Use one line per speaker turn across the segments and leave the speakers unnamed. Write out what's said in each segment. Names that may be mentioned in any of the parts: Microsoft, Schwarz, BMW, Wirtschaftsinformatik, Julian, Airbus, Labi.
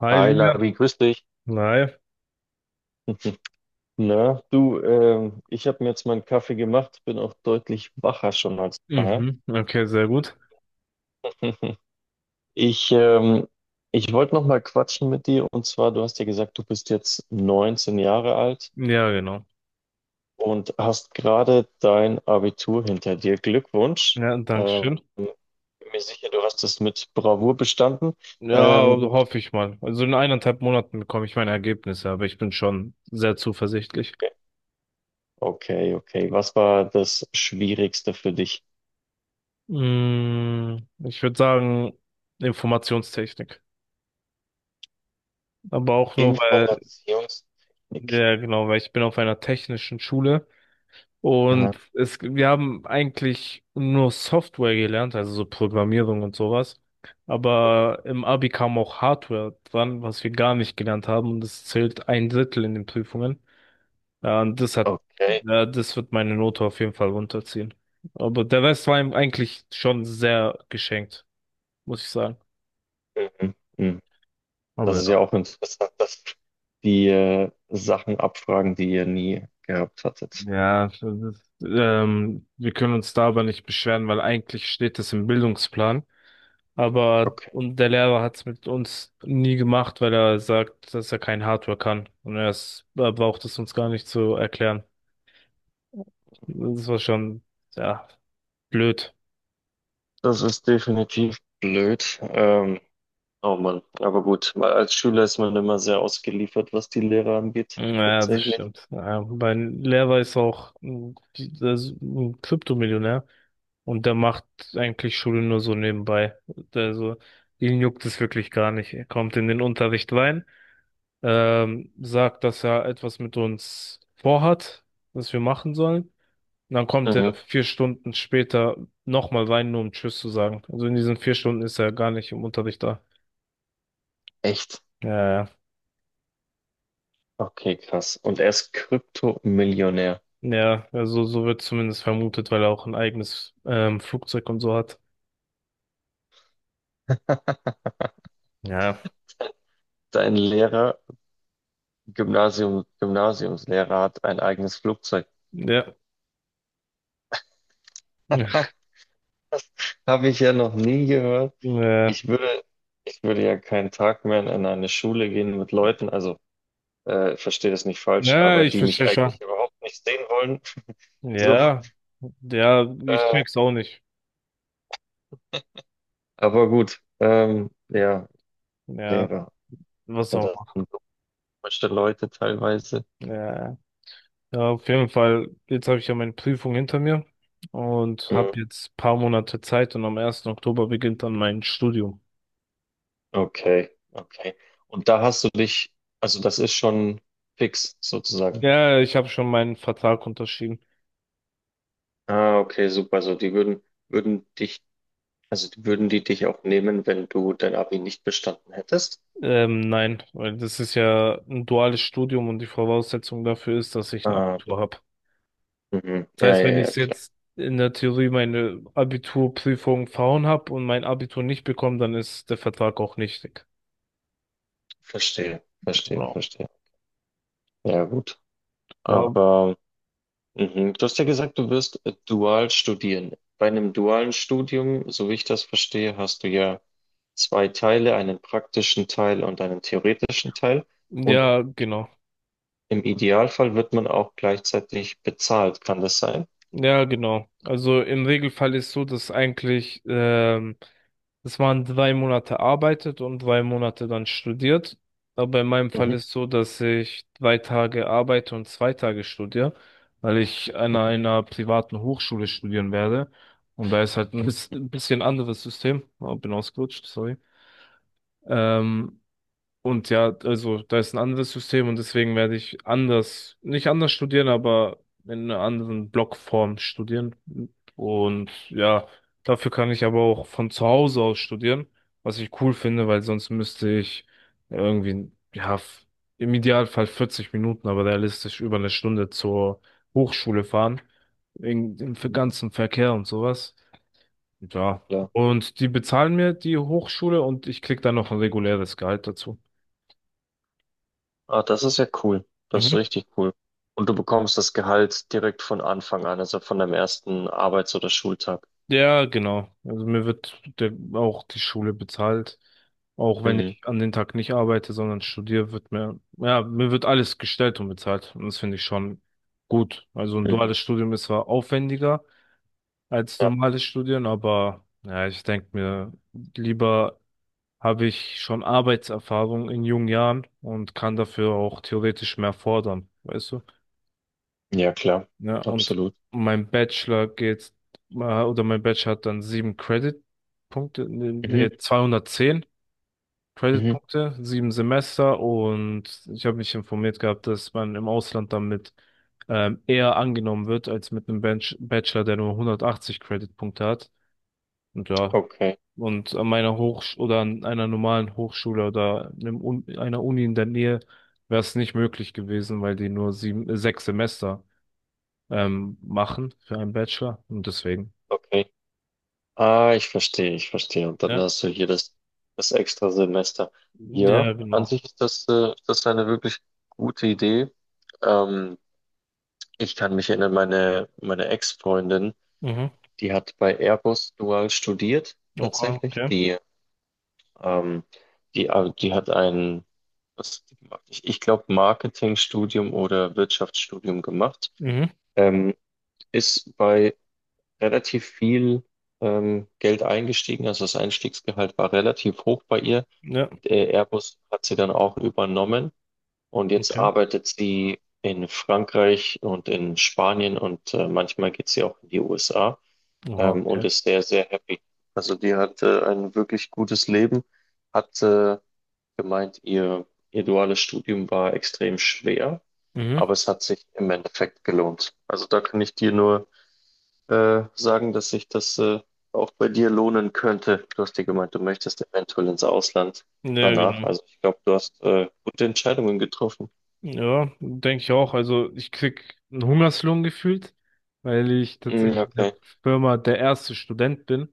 Hi
Hi
Julian.
Labi, grüß dich.
Hi.
Na, du, ich habe mir jetzt meinen Kaffee gemacht, bin auch deutlich wacher schon als vorher.
Mhm. Okay, sehr gut.
Ich, ähm, ich wollte noch mal quatschen mit dir und zwar, du hast ja gesagt, du bist jetzt 19 Jahre alt
Ja, genau.
und hast gerade dein Abitur hinter dir. Glückwunsch.
Ja, danke schön.
Bin mir sicher, du hast es mit Bravour bestanden.
Ja,
Ähm,
hoffe ich mal. Also in 1,5 Monaten bekomme ich meine Ergebnisse, aber ich bin schon sehr zuversichtlich.
okay, okay. Was war das Schwierigste für dich?
Mm, Ich würde sagen, Informationstechnik. Aber auch nur, weil,
Informationstechnik.
ja, genau, weil ich bin auf einer technischen Schule.
Aha.
Wir haben eigentlich nur Software gelernt, also so Programmierung und sowas. Aber im Abi kam auch Hardware dran, was wir gar nicht gelernt haben. Und das zählt ein Drittel in den Prüfungen. Ja, und das hat,
Okay.
ja, das wird meine Note auf jeden Fall runterziehen. Aber der Rest war ihm eigentlich schon sehr geschenkt, muss ich sagen.
Mhm. Mhm.
Aber
Das ist
ja,
ja auch interessant, dass die Sachen abfragen, die ihr nie gehabt hattet.
ja, wir können uns da aber nicht beschweren, weil eigentlich steht es im Bildungsplan. Aber
Okay.
und der Lehrer hat es mit uns nie gemacht, weil er sagt, dass er kein Hardware kann. Und er braucht es uns gar nicht zu erklären. Das war schon, ja, blöd.
Das ist definitiv blöd. Oh Mann, aber gut. Weil als Schüler ist man immer sehr ausgeliefert, was die Lehrer angeht,
Ja, das
tatsächlich.
stimmt. Ja, mein Lehrer ist auch ein Kryptomillionär und der macht eigentlich Schule nur so nebenbei. Also, ihn juckt es wirklich gar nicht. Er kommt in den Unterricht rein, sagt, dass er etwas mit uns vorhat, was wir machen sollen. Und dann kommt er
Mhm.
4 Stunden später nochmal rein, nur um Tschüss zu sagen. Also in diesen 4 Stunden ist er gar nicht im Unterricht da.
Echt?
Ja, ja,
Okay, krass. Und er ist Kryptomillionär.
ja, also so wird zumindest vermutet, weil er auch ein eigenes Flugzeug und so hat. Ja,
Dein Lehrer, Gymnasium, Gymnasiumslehrer hat ein eigenes Flugzeug.
ja,
Das habe ich ja noch nie gehört.
ja,
Ich würde, ich würde ja keinen Tag mehr in eine Schule gehen mit Leuten, also verstehe das nicht falsch,
ja,
aber
ich
die mich
verstehe schon.
eigentlich überhaupt nicht sehen wollen. So,
Ja, ja, ich
äh,
check's auch nicht.
aber gut, ja,
Ja,
Lehrer,
was
ja, das
auch
sind so komische Leute teilweise.
immer. Ja, ja, auf jeden Fall, jetzt habe ich ja meine Prüfung hinter mir und
Mhm.
habe jetzt paar Monate Zeit und am ersten Oktober beginnt dann mein Studium.
Okay, okay. Und da hast du dich, also das ist schon fix sozusagen.
Ja, ich habe schon meinen Vertrag unterschrieben.
Ah, okay, super. So, die würden dich, also die würden die dich auch nehmen, wenn du dein Abi nicht bestanden hättest?
Nein, weil das ist ja ein duales Studium und die Voraussetzung dafür ist, dass ich ein
Ah,
Abitur habe.
mhm.
Das
Ja,
heißt, wenn
ja, ja,
ich
klar.
jetzt in der Theorie meine Abiturprüfung verhauen habe und mein Abitur nicht bekomme, dann ist der Vertrag auch nichtig.
Verstehe, verstehe,
Genau.
verstehe. Ja, gut.
Ja,
Aber mhm. Du hast ja gesagt, du wirst dual studieren. Bei einem dualen Studium, so wie ich das verstehe, hast du ja zwei Teile, einen praktischen Teil und einen theoretischen Teil. Und
ja, genau.
im Idealfall wird man auch gleichzeitig bezahlt. Kann das sein?
Ja, genau. Also im Regelfall ist so, dass eigentlich dass man 3 Monate arbeitet und 3 Monate dann studiert. Aber in meinem Fall
Mhm.
ist so, dass ich 3 Tage arbeite und 2 Tage studiere, weil ich an einer privaten Hochschule studieren werde. Und da ist halt ein bisschen anderes System. Oh, bin ausgerutscht, sorry. Ähm, und ja, also da ist ein anderes System und deswegen werde ich anders, nicht anders studieren, aber in einer anderen Blockform studieren. Und ja, dafür kann ich aber auch von zu Hause aus studieren, was ich cool finde, weil sonst müsste ich irgendwie, ja, im Idealfall 40 Minuten, aber realistisch über eine Stunde zur Hochschule fahren, wegen dem ganzen Verkehr und sowas. Ja.
Ja.
Und die bezahlen mir die Hochschule und ich krieg dann noch ein reguläres Gehalt dazu.
Ah, das ist ja cool. Das ist
Mhm.
richtig cool. Und du bekommst das Gehalt direkt von Anfang an, also von deinem ersten Arbeits- oder Schultag.
Ja, genau. Also auch die Schule bezahlt. Auch wenn
Mhm.
ich an den Tag nicht arbeite, sondern studiere, ja, mir wird alles gestellt und bezahlt. Und das finde ich schon gut. Also ein
Mhm.
duales Studium ist zwar aufwendiger als normales Studieren, aber ja, ich denke mir, lieber habe ich schon Arbeitserfahrung in jungen Jahren und kann dafür auch theoretisch mehr fordern. Weißt du?
Ja, klar,
Ja, und
absolut.
mein Bachelor geht, mein Bachelor hat dann 7 Credit-Punkte, nee,
Mhm,
nee, 210
mhm.
Creditpunkte, 7 Semester, und ich habe mich informiert gehabt, dass man im Ausland damit eher angenommen wird als mit einem Bench Bachelor, der nur 180 Creditpunkte hat. Und ja,
Okay,
und an meiner Hochsch oder an einer normalen Hochschule oder einem Un einer Uni in der Nähe wäre es nicht möglich gewesen, weil die nur 6 Semester machen für einen Bachelor. Und deswegen.
okay. Ah, ich verstehe, ich verstehe. Und dann
Ja,
hast du hier das extra Semester. Ja,
ja,
an
genau.
sich ist das eine wirklich gute Idee. Ähm, ich kann mich erinnern, meine Ex-Freundin,
Mhm.
die hat bei Airbus dual studiert,
Oha,
tatsächlich.
okay.
Ähm, die hat ein, was, hat die gemacht? Ich glaube, Marketingstudium oder Wirtschaftsstudium gemacht.
Mhm.
Ähm, ist bei relativ viel Geld eingestiegen. Also das Einstiegsgehalt war relativ hoch bei ihr.
Ja,
Der Airbus hat sie dann auch übernommen und jetzt
okay.
arbeitet sie in Frankreich und in Spanien und manchmal geht sie auch in die USA
Oha,
und
okay.
ist sehr, sehr happy. Also die hat ein wirklich gutes Leben, hat gemeint, ihr duales Studium war extrem schwer,
Mhm.
aber es hat sich im Endeffekt gelohnt. Also da kann ich dir nur sagen, dass sich das auch bei dir lohnen könnte. Du hast dir gemeint, du möchtest eventuell ins Ausland
Ja,
danach.
genau.
Also ich glaube, du hast gute Entscheidungen getroffen.
Ja, denke ich auch. Also ich krieg einen Hungerslohn gefühlt, weil ich
Mm,
tatsächlich in der
okay.
Firma der erste Student bin.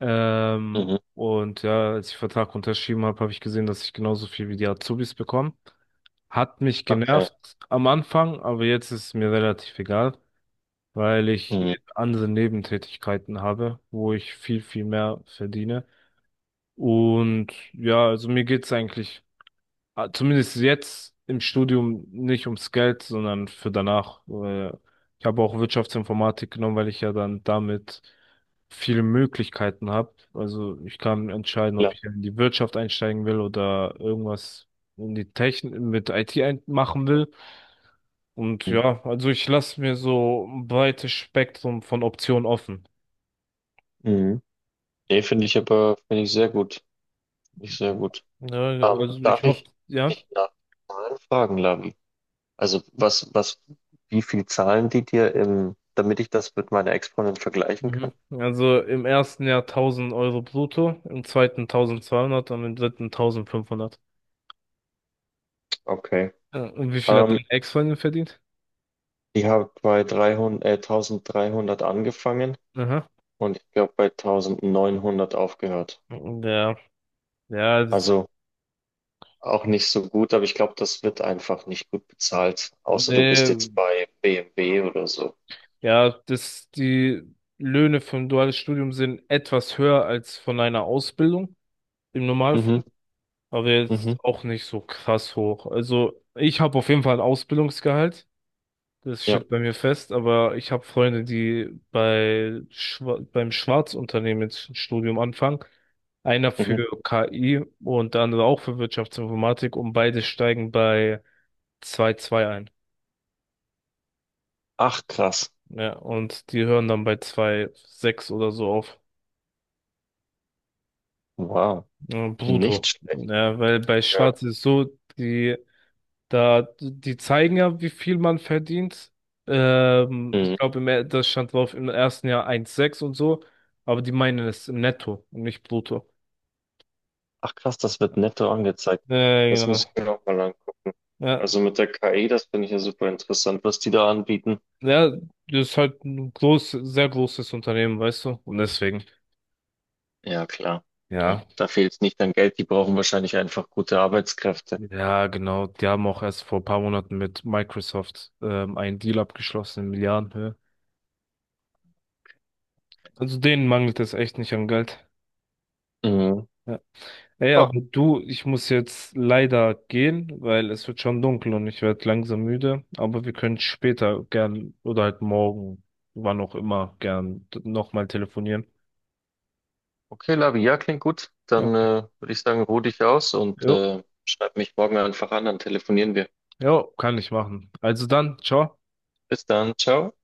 Mhm.
Und ja, als ich den Vertrag unterschrieben habe, habe ich gesehen, dass ich genauso viel wie die Azubis bekomme. Hat mich
Okay.
genervt am Anfang, aber jetzt ist es mir relativ egal. Weil ich
Mhm.
eben andere Nebentätigkeiten habe, wo ich viel, viel mehr verdiene. Und ja, also mir geht's eigentlich, zumindest jetzt im Studium, nicht ums Geld, sondern für danach. Ich habe auch Wirtschaftsinformatik genommen, weil ich ja dann damit viele Möglichkeiten habe. Also ich kann entscheiden, ob
Klar.
ich in die Wirtschaft einsteigen will oder irgendwas in die Technik mit IT ein machen will. Und
Mhm.
ja, also ich lasse mir so ein breites Spektrum von Optionen offen.
Mhm. Nee, finde ich aber, finde ich sehr gut. Finde ich sehr gut.
Ja, also ich
Darf
hoffe,
ich
ja.
dich nach Zahlen fragen, Lavi? Also wie viel zahlen die dir im, damit ich das mit meiner Ex-Freundin vergleichen kann?
Mhm. Also im ersten Jahr 1000 Euro brutto, im zweiten 1200 und im dritten 1500.
Okay.
Ja, und wie viel hat
Ähm,
dein Ex-Freundin verdient?
ich habe bei 300 1300 angefangen
Aha.
und ich glaube bei 1900 aufgehört.
Ja, ja, das,
Also auch nicht so gut, aber ich glaube, das wird einfach nicht gut bezahlt, außer du bist
nee,
jetzt bei BMW oder so.
ja, das, die Löhne für ein duales Studium sind etwas höher als von einer Ausbildung im
Mhm,
Normalfall. Aber
mhm,
jetzt auch nicht so krass hoch. Also ich habe auf jeden Fall ein Ausbildungsgehalt, das
ja,
steht bei mir fest, aber ich habe Freunde, die beim Schwarzunternehmen jetzt ein Studium anfangen. Einer für
mhm.
KI und der andere auch für Wirtschaftsinformatik, und beide steigen bei 2,2 ein.
Ach krass,
Ja, und die hören dann bei 2,6 oder so auf.
wow,
Ja,
nicht
brutto.
schlecht.
Ja, weil bei
Ja.
Schwarz ist es so, die zeigen ja, wie viel man verdient. Ich
Mhm.
glaube, das stand drauf, im ersten Jahr 1,6 und so. Aber die meinen es im Netto und nicht brutto.
Ach krass, das wird netto angezeigt. Das
Genau.
muss ich mir auch mal angucken.
Ja,
Also mit der KI, das finde ich ja super interessant, was die da anbieten.
ja, das ist halt ein sehr großes Unternehmen, weißt du? Und deswegen,
Ja, klar. Ja.
ja.
Da fehlt es nicht an Geld. Die brauchen wahrscheinlich einfach gute Arbeitskräfte.
Ja, genau. Die haben auch erst vor ein paar Monaten mit Microsoft einen Deal abgeschlossen in Milliardenhöhe. Also denen mangelt es echt nicht an Geld.
Mhm.
Ja. Ey, aber
Ah,
du, ich muss jetzt leider gehen, weil es wird schon dunkel und ich werde langsam müde. Aber wir können später gern oder halt morgen, wann auch immer, gern nochmal telefonieren.
okay, Labi, ja, klingt gut. Dann
Okay.
würde ich sagen, ruh dich aus und
Jo,
schreib mich morgen einfach an, dann telefonieren wir.
jo, kann ich machen. Also dann, ciao.
Bis dann, ciao.